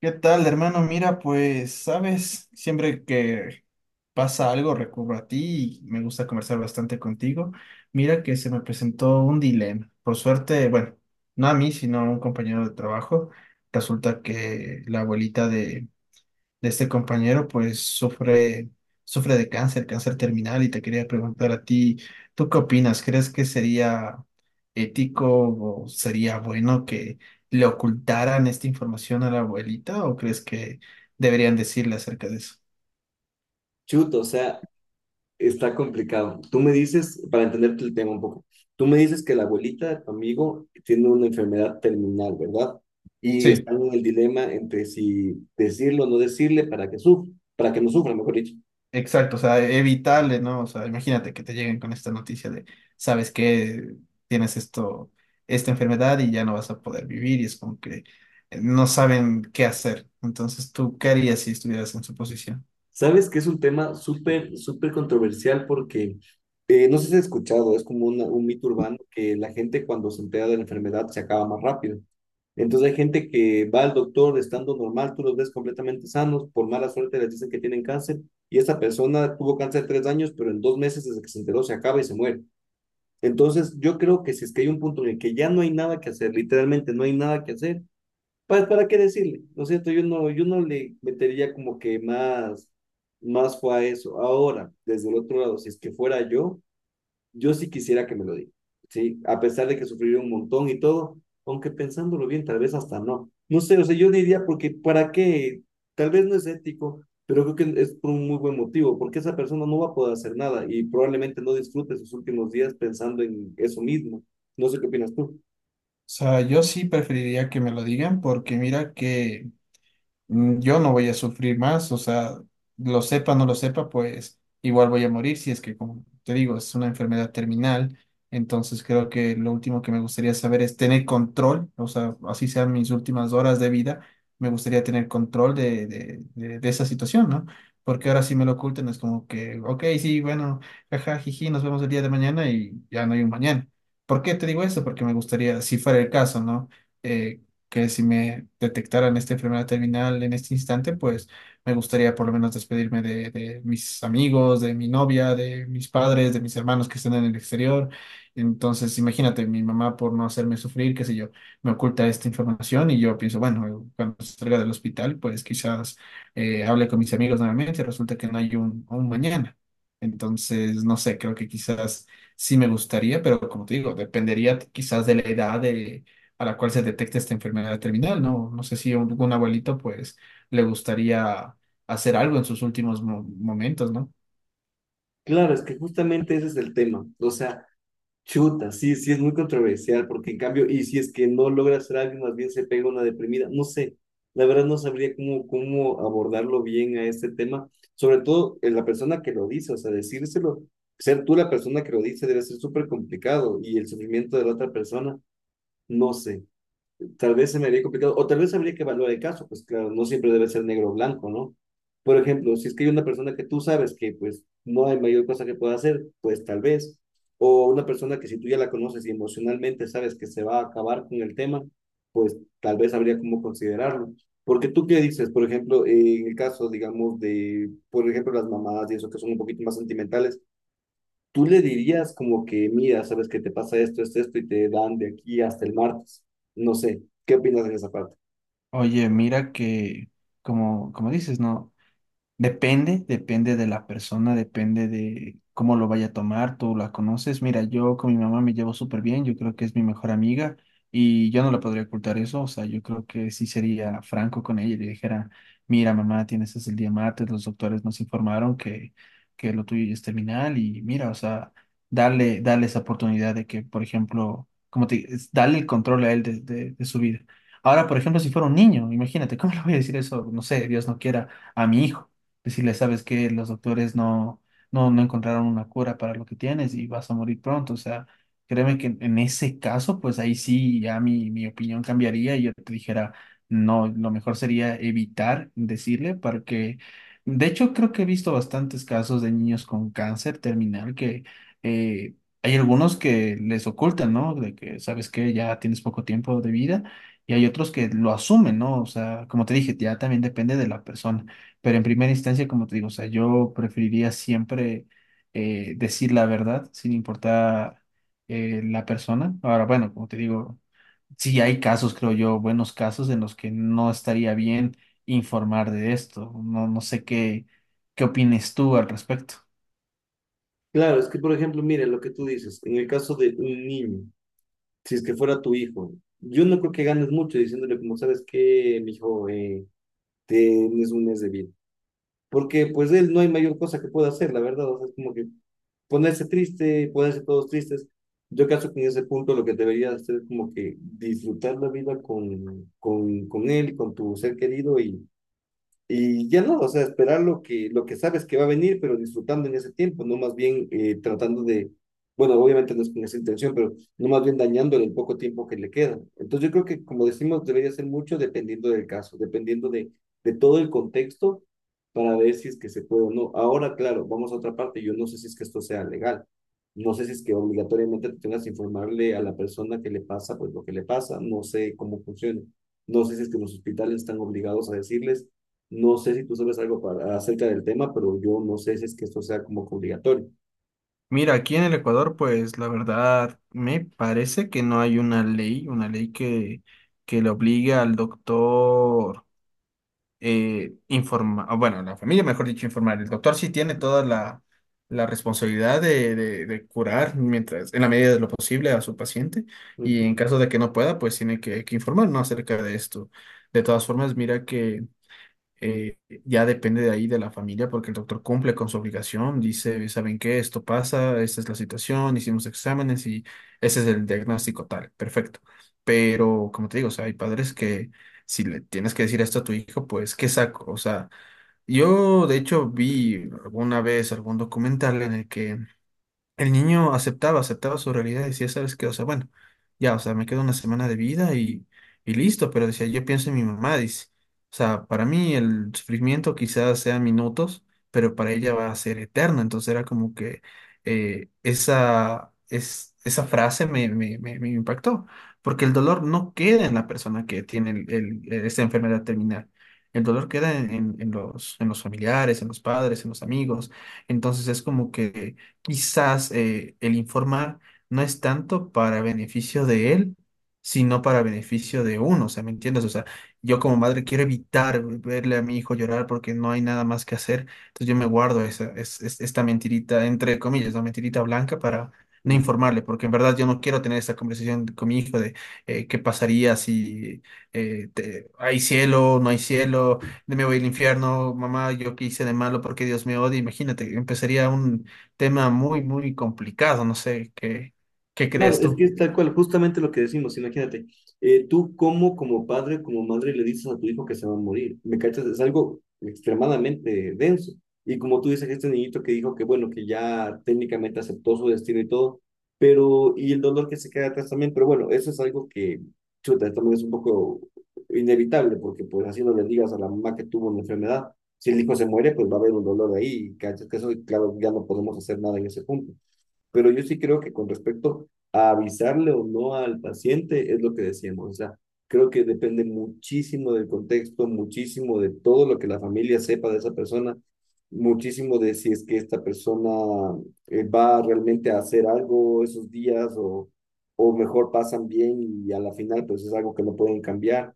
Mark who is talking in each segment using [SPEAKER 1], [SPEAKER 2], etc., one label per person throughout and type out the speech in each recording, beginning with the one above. [SPEAKER 1] ¿Qué tal, hermano? Mira, pues, sabes, siempre que pasa algo recurro a ti y me gusta conversar bastante contigo. Mira que se me presentó un dilema. Por suerte, bueno, no a mí, sino a un compañero de trabajo. Resulta que la abuelita de este compañero, pues sufre, sufre de cáncer, cáncer terminal, y te quería preguntar a ti, ¿tú qué opinas? ¿Crees que sería ético o sería bueno que le ocultaran esta información a la abuelita o crees que deberían decirle acerca de eso?
[SPEAKER 2] Chuto, o sea, está complicado. Tú me dices, para entenderte el tema un poco, tú me dices que la abuelita de tu amigo tiene una enfermedad terminal, ¿verdad? Y
[SPEAKER 1] Sí.
[SPEAKER 2] están en el dilema entre si decirlo o no decirle para que sufra, para que no sufra, mejor dicho.
[SPEAKER 1] Exacto, o sea, evitable, ¿no? O sea, imagínate que te lleguen con esta noticia de, sabes que tienes esto, esta enfermedad y ya no vas a poder vivir y es como que no saben qué hacer. Entonces, ¿tú qué harías si estuvieras en su posición?
[SPEAKER 2] Sabes que es un tema súper, súper controversial porque no sé si has escuchado, es como un mito urbano que la gente cuando se entera de la enfermedad se acaba más rápido. Entonces hay gente que va al doctor estando normal, tú los ves completamente sanos, por mala suerte les dicen que tienen cáncer y esa persona tuvo cáncer 3 años, pero en 2 meses desde que se enteró se acaba y se muere. Entonces yo creo que si es que hay un punto en el que ya no hay nada que hacer, literalmente no hay nada que hacer, pues ¿para qué decirle? ¿No es cierto? Yo no le metería como que más, más fue a eso. Ahora, desde el otro lado, si es que fuera yo, yo sí quisiera que me lo diga, ¿sí? A pesar de que sufrí un montón y todo, aunque pensándolo bien, tal vez hasta no. No sé, o sea, yo diría porque, ¿para qué? Tal vez no es ético, pero creo que es por un muy buen motivo, porque esa persona no va a poder hacer nada y probablemente no disfrute sus últimos días pensando en eso mismo. No sé qué opinas tú.
[SPEAKER 1] O sea, yo sí preferiría que me lo digan porque mira que yo no voy a sufrir más, o sea, lo sepa no lo sepa, pues igual voy a morir si es que, como te digo, es una enfermedad terminal. Entonces creo que lo último que me gustaría saber es tener control, o sea, así sean mis últimas horas de vida, me gustaría tener control de esa situación, ¿no? Porque ahora si me lo ocultan es como que, ok, sí, bueno, jaja, jiji, nos vemos el día de mañana y ya no hay un mañana. ¿Por qué te digo eso? Porque me gustaría, si fuera el caso, ¿no? Eh, que si me detectaran esta enfermedad terminal en este instante, pues me gustaría por lo menos despedirme de mis amigos, de mi novia, de mis padres, de mis hermanos que están en el exterior. Entonces, imagínate, mi mamá por no hacerme sufrir, qué sé yo, me oculta esta información y yo pienso, bueno, cuando salga del hospital, pues quizás hable con mis amigos nuevamente, resulta que no hay un mañana. Entonces, no sé, creo que quizás sí me gustaría, pero como te digo, dependería quizás de la edad de, a la cual se detecta esta enfermedad terminal, ¿no? No sé si a algún abuelito, pues, le gustaría hacer algo en sus últimos momentos, ¿no?
[SPEAKER 2] Claro, es que justamente ese es el tema. O sea, chuta, sí, sí es muy controversial, porque en cambio, y si es que no logra hacer algo, más bien se pega una deprimida, no sé, la verdad no sabría cómo abordarlo bien a este tema, sobre todo en la persona que lo dice, o sea, decírselo, ser tú la persona que lo dice debe ser súper complicado y el sufrimiento de la otra persona, no sé, tal vez se me haría complicado, o tal vez habría que evaluar el caso, pues claro, no siempre debe ser negro o blanco, ¿no? Por ejemplo, si es que hay una persona que tú sabes que pues no hay mayor cosa que pueda hacer, pues tal vez, o una persona que si tú ya la conoces y emocionalmente sabes que se va a acabar con el tema, pues tal vez habría como considerarlo. Porque tú qué dices, por ejemplo, en el caso, digamos, de, por ejemplo, las mamadas y eso que son un poquito más sentimentales, tú le dirías como que, mira, sabes que te pasa esto, esto, esto, y te dan de aquí hasta el martes. No sé, ¿qué opinas en esa parte?
[SPEAKER 1] Oye, mira que, como dices, ¿no? Depende, depende de la persona, depende de cómo lo vaya a tomar, tú la conoces. Mira, yo con mi mamá me llevo súper bien, yo creo que es mi mejor amiga y yo no le podría ocultar eso, o sea, yo creo que sí sería franco con ella y le dijera, mira, mamá, tienes hasta el día martes, los doctores nos informaron que lo tuyo ya es terminal y mira, o sea, darle, darle esa oportunidad de que, por ejemplo, como te, es darle el control a él de, de su vida. Ahora, por ejemplo, si fuera un niño, imagínate, ¿cómo le voy a decir eso? No sé, Dios no quiera a mi hijo decirle, sabes que los doctores no, no, no encontraron una cura para lo que tienes y vas a morir pronto. O sea, créeme que en ese caso, pues ahí sí ya mi opinión cambiaría y yo te dijera, no, lo mejor sería evitar decirle para que... De hecho, creo que he visto bastantes casos de niños con cáncer terminal que eh, hay algunos que les ocultan, ¿no? De que, sabes que ya tienes poco tiempo de vida y hay otros que lo asumen, ¿no? O sea, como te dije, ya también depende de la persona. Pero en primera instancia, como te digo, o sea, yo preferiría siempre decir la verdad sin importar la persona. Ahora, bueno, como te digo, sí hay casos, creo yo, buenos casos en los que no estaría bien informar de esto. No, no sé qué, qué opines tú al respecto.
[SPEAKER 2] Claro, es que, por ejemplo, mira lo que tú dices, en el caso de un niño, si es que fuera tu hijo, yo no creo que ganes mucho diciéndole como, sabes que, mi hijo, tienes un mes de vida. Porque pues él no hay mayor cosa que pueda hacer, la verdad, o sea, es como que ponerse triste, ponerse todos tristes. Yo caso que en ese punto lo que deberías hacer es como que disfrutar la vida con él, con tu ser querido y ya no, o sea, esperar lo lo que sabes que va a venir, pero disfrutando en ese tiempo, no más bien tratando de, bueno, obviamente no es con esa intención, pero no más bien dañándole el poco tiempo que le queda. Entonces yo creo que, como decimos, debería ser mucho dependiendo del caso, dependiendo de todo el contexto para ver si es que se puede o no. Ahora, claro, vamos a otra parte, yo no sé si es que esto sea legal, no sé si es que obligatoriamente tú tengas que informarle a la persona que le pasa, pues lo que le pasa, no sé cómo funciona, no sé si es que los hospitales están obligados a decirles no sé si tú sabes algo para, acerca del tema, pero yo no sé si es que esto sea como que obligatorio.
[SPEAKER 1] Mira, aquí en el Ecuador, pues la verdad me parece que no hay una ley que le obligue al doctor. Informa, o bueno, la familia, mejor dicho, informar. El doctor sí tiene toda la, la responsabilidad de, de curar mientras, en la medida de lo posible a su paciente y en
[SPEAKER 2] Ujú,
[SPEAKER 1] caso de que no pueda, pues tiene que informar, ¿no? Acerca de esto. De todas formas, mira que eh, ya depende de ahí de la familia, porque el doctor cumple con su obligación, dice, ¿saben qué? Esto pasa, esta es la situación, hicimos exámenes y ese es el diagnóstico tal, perfecto. Pero, como te digo, o sea, hay padres que si le tienes que decir esto a tu hijo, pues, ¿qué saco? O sea, yo de hecho vi alguna vez algún documental en el que el niño aceptaba, aceptaba su realidad y decía, ¿sabes qué? O sea, bueno, ya, o sea, me queda una semana de vida y listo, pero decía, yo pienso en mi mamá, dice. O sea, para mí el sufrimiento quizás sea minutos, pero para ella va a ser eterno. Entonces era como que esa frase me impactó, porque el dolor no queda en la persona que tiene el, esta enfermedad terminal. El dolor queda en, en los, en los familiares, en los padres, en los amigos. Entonces es como que quizás el informar no es tanto para beneficio de él, sino para beneficio de uno, o sea, ¿me entiendes? O sea, yo como madre quiero evitar verle a mi hijo llorar porque no hay nada más que hacer, entonces yo me guardo esta mentirita, entre comillas, la mentirita blanca para no
[SPEAKER 2] ujú.
[SPEAKER 1] informarle, porque en verdad yo no quiero tener esta conversación con mi hijo de qué pasaría si hay cielo, no hay cielo, me voy al infierno, mamá, yo qué hice de malo porque Dios me odia, imagínate, empezaría un, tema muy, muy complicado. No sé, ¿qué, qué
[SPEAKER 2] Claro,
[SPEAKER 1] crees
[SPEAKER 2] es que
[SPEAKER 1] tú?
[SPEAKER 2] es tal cual, justamente lo que decimos, imagínate, tú como, como padre, como madre le dices a tu hijo que se va a morir, ¿me cachas? Es algo extremadamente denso. Y como tú dices, este niñito que dijo que bueno, que ya técnicamente aceptó su destino y todo, pero, y el dolor que se queda atrás también, pero bueno, eso es algo que, chuta, también es un poco inevitable, porque pues así no le digas a la mamá que tuvo una enfermedad, si el hijo se muere, pues va a haber un dolor ahí, ¿cachas? Que eso, claro, ya no podemos hacer nada en ese punto. Pero yo sí creo que con respecto a avisarle o no al paciente es lo que decíamos. O sea, creo que depende muchísimo del contexto, muchísimo de todo lo que la familia sepa de esa persona, muchísimo de si es que esta persona va realmente a hacer algo esos días o mejor pasan bien y a la final pues es algo que no pueden cambiar.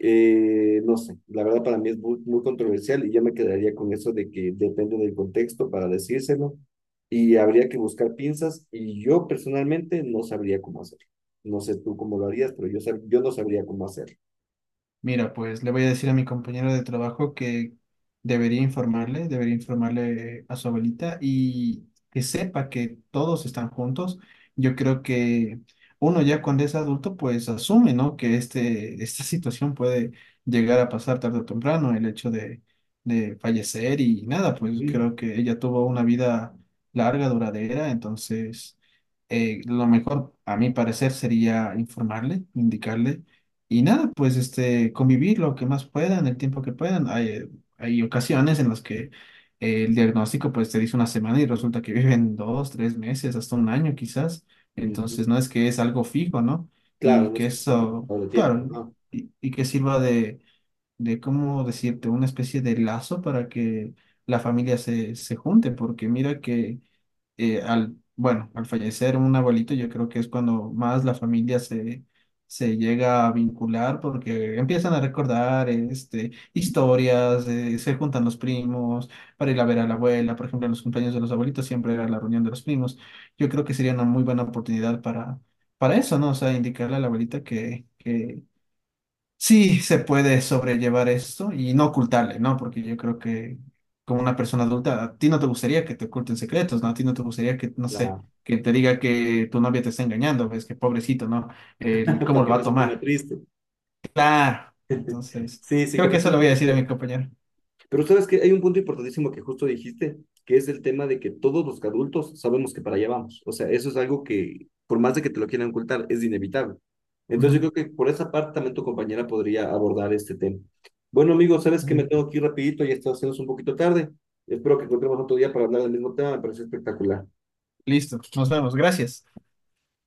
[SPEAKER 2] No sé, la verdad para mí es muy, muy controversial y yo me quedaría con eso de que depende del contexto para decírselo y habría que buscar pinzas y yo personalmente no sabría cómo hacerlo. No sé tú cómo lo harías, pero yo, yo no sabría cómo hacerlo.
[SPEAKER 1] Mira, pues le voy a decir a mi compañero de trabajo que debería informarle a su abuelita y que sepa que todos están juntos. Yo creo que uno ya cuando es adulto, pues asume, ¿no? Que este, esta situación puede llegar a pasar tarde o temprano, el hecho de fallecer y nada, pues
[SPEAKER 2] Ujú,
[SPEAKER 1] creo que ella tuvo una vida larga, duradera, entonces lo mejor a mi parecer sería informarle, indicarle y nada, pues este, convivir lo que más puedan, el tiempo que puedan. Hay, hay ocasiones en las que el diagnóstico pues te dice una semana y resulta que viven dos, tres meses, hasta 1 año quizás. Entonces no
[SPEAKER 2] ujú.
[SPEAKER 1] es que es algo fijo, ¿no?
[SPEAKER 2] Claro,
[SPEAKER 1] Y
[SPEAKER 2] no es
[SPEAKER 1] que
[SPEAKER 2] que esté un
[SPEAKER 1] eso,
[SPEAKER 2] poquito de tiempo,
[SPEAKER 1] claro,
[SPEAKER 2] ¿no?
[SPEAKER 1] y que sirva de, ¿cómo decirte? Una especie de lazo para que la familia se, se junte, porque mira que al, bueno, al fallecer un abuelito, yo creo que es cuando más la familia se, se llega a vincular porque empiezan a recordar este, historias, se juntan los primos para ir a ver a la abuela, por ejemplo, en los cumpleaños de los abuelitos siempre era la reunión de los primos. Yo creo que sería una muy buena oportunidad para eso, ¿no? O sea, indicarle a la abuelita que... Que sí, se puede sobrellevar esto y no ocultarle, ¿no? Porque yo creo que como una persona adulta, a ti no te gustaría que te oculten secretos, ¿no? A ti no te gustaría que, no sé,
[SPEAKER 2] La-
[SPEAKER 1] que te diga que tu novia te está engañando, ves que pobrecito, ¿no? ¿Cómo
[SPEAKER 2] para
[SPEAKER 1] lo
[SPEAKER 2] que
[SPEAKER 1] va a
[SPEAKER 2] no se ponga
[SPEAKER 1] tomar?
[SPEAKER 2] triste.
[SPEAKER 1] Claro. Entonces,
[SPEAKER 2] Sí, sí,
[SPEAKER 1] creo que eso lo
[SPEAKER 2] completamente
[SPEAKER 1] voy a
[SPEAKER 2] de
[SPEAKER 1] decir a mi
[SPEAKER 2] acuerdo.
[SPEAKER 1] compañero.
[SPEAKER 2] Pero sabes que hay un punto importantísimo que justo dijiste, que es el tema de que todos los adultos sabemos que para allá vamos. O sea, eso es algo que, por más de que te lo quieran ocultar, es inevitable. Entonces
[SPEAKER 1] Ujú,
[SPEAKER 2] yo creo que por esa parte también tu compañera podría abordar este tema. Bueno, amigos, sabes que me tengo
[SPEAKER 1] sí.
[SPEAKER 2] que ir rapidito, ya está haciéndose un poquito tarde. Espero que encontremos otro día para hablar del mismo tema, me parece espectacular.
[SPEAKER 1] Listo, nos vemos. Gracias.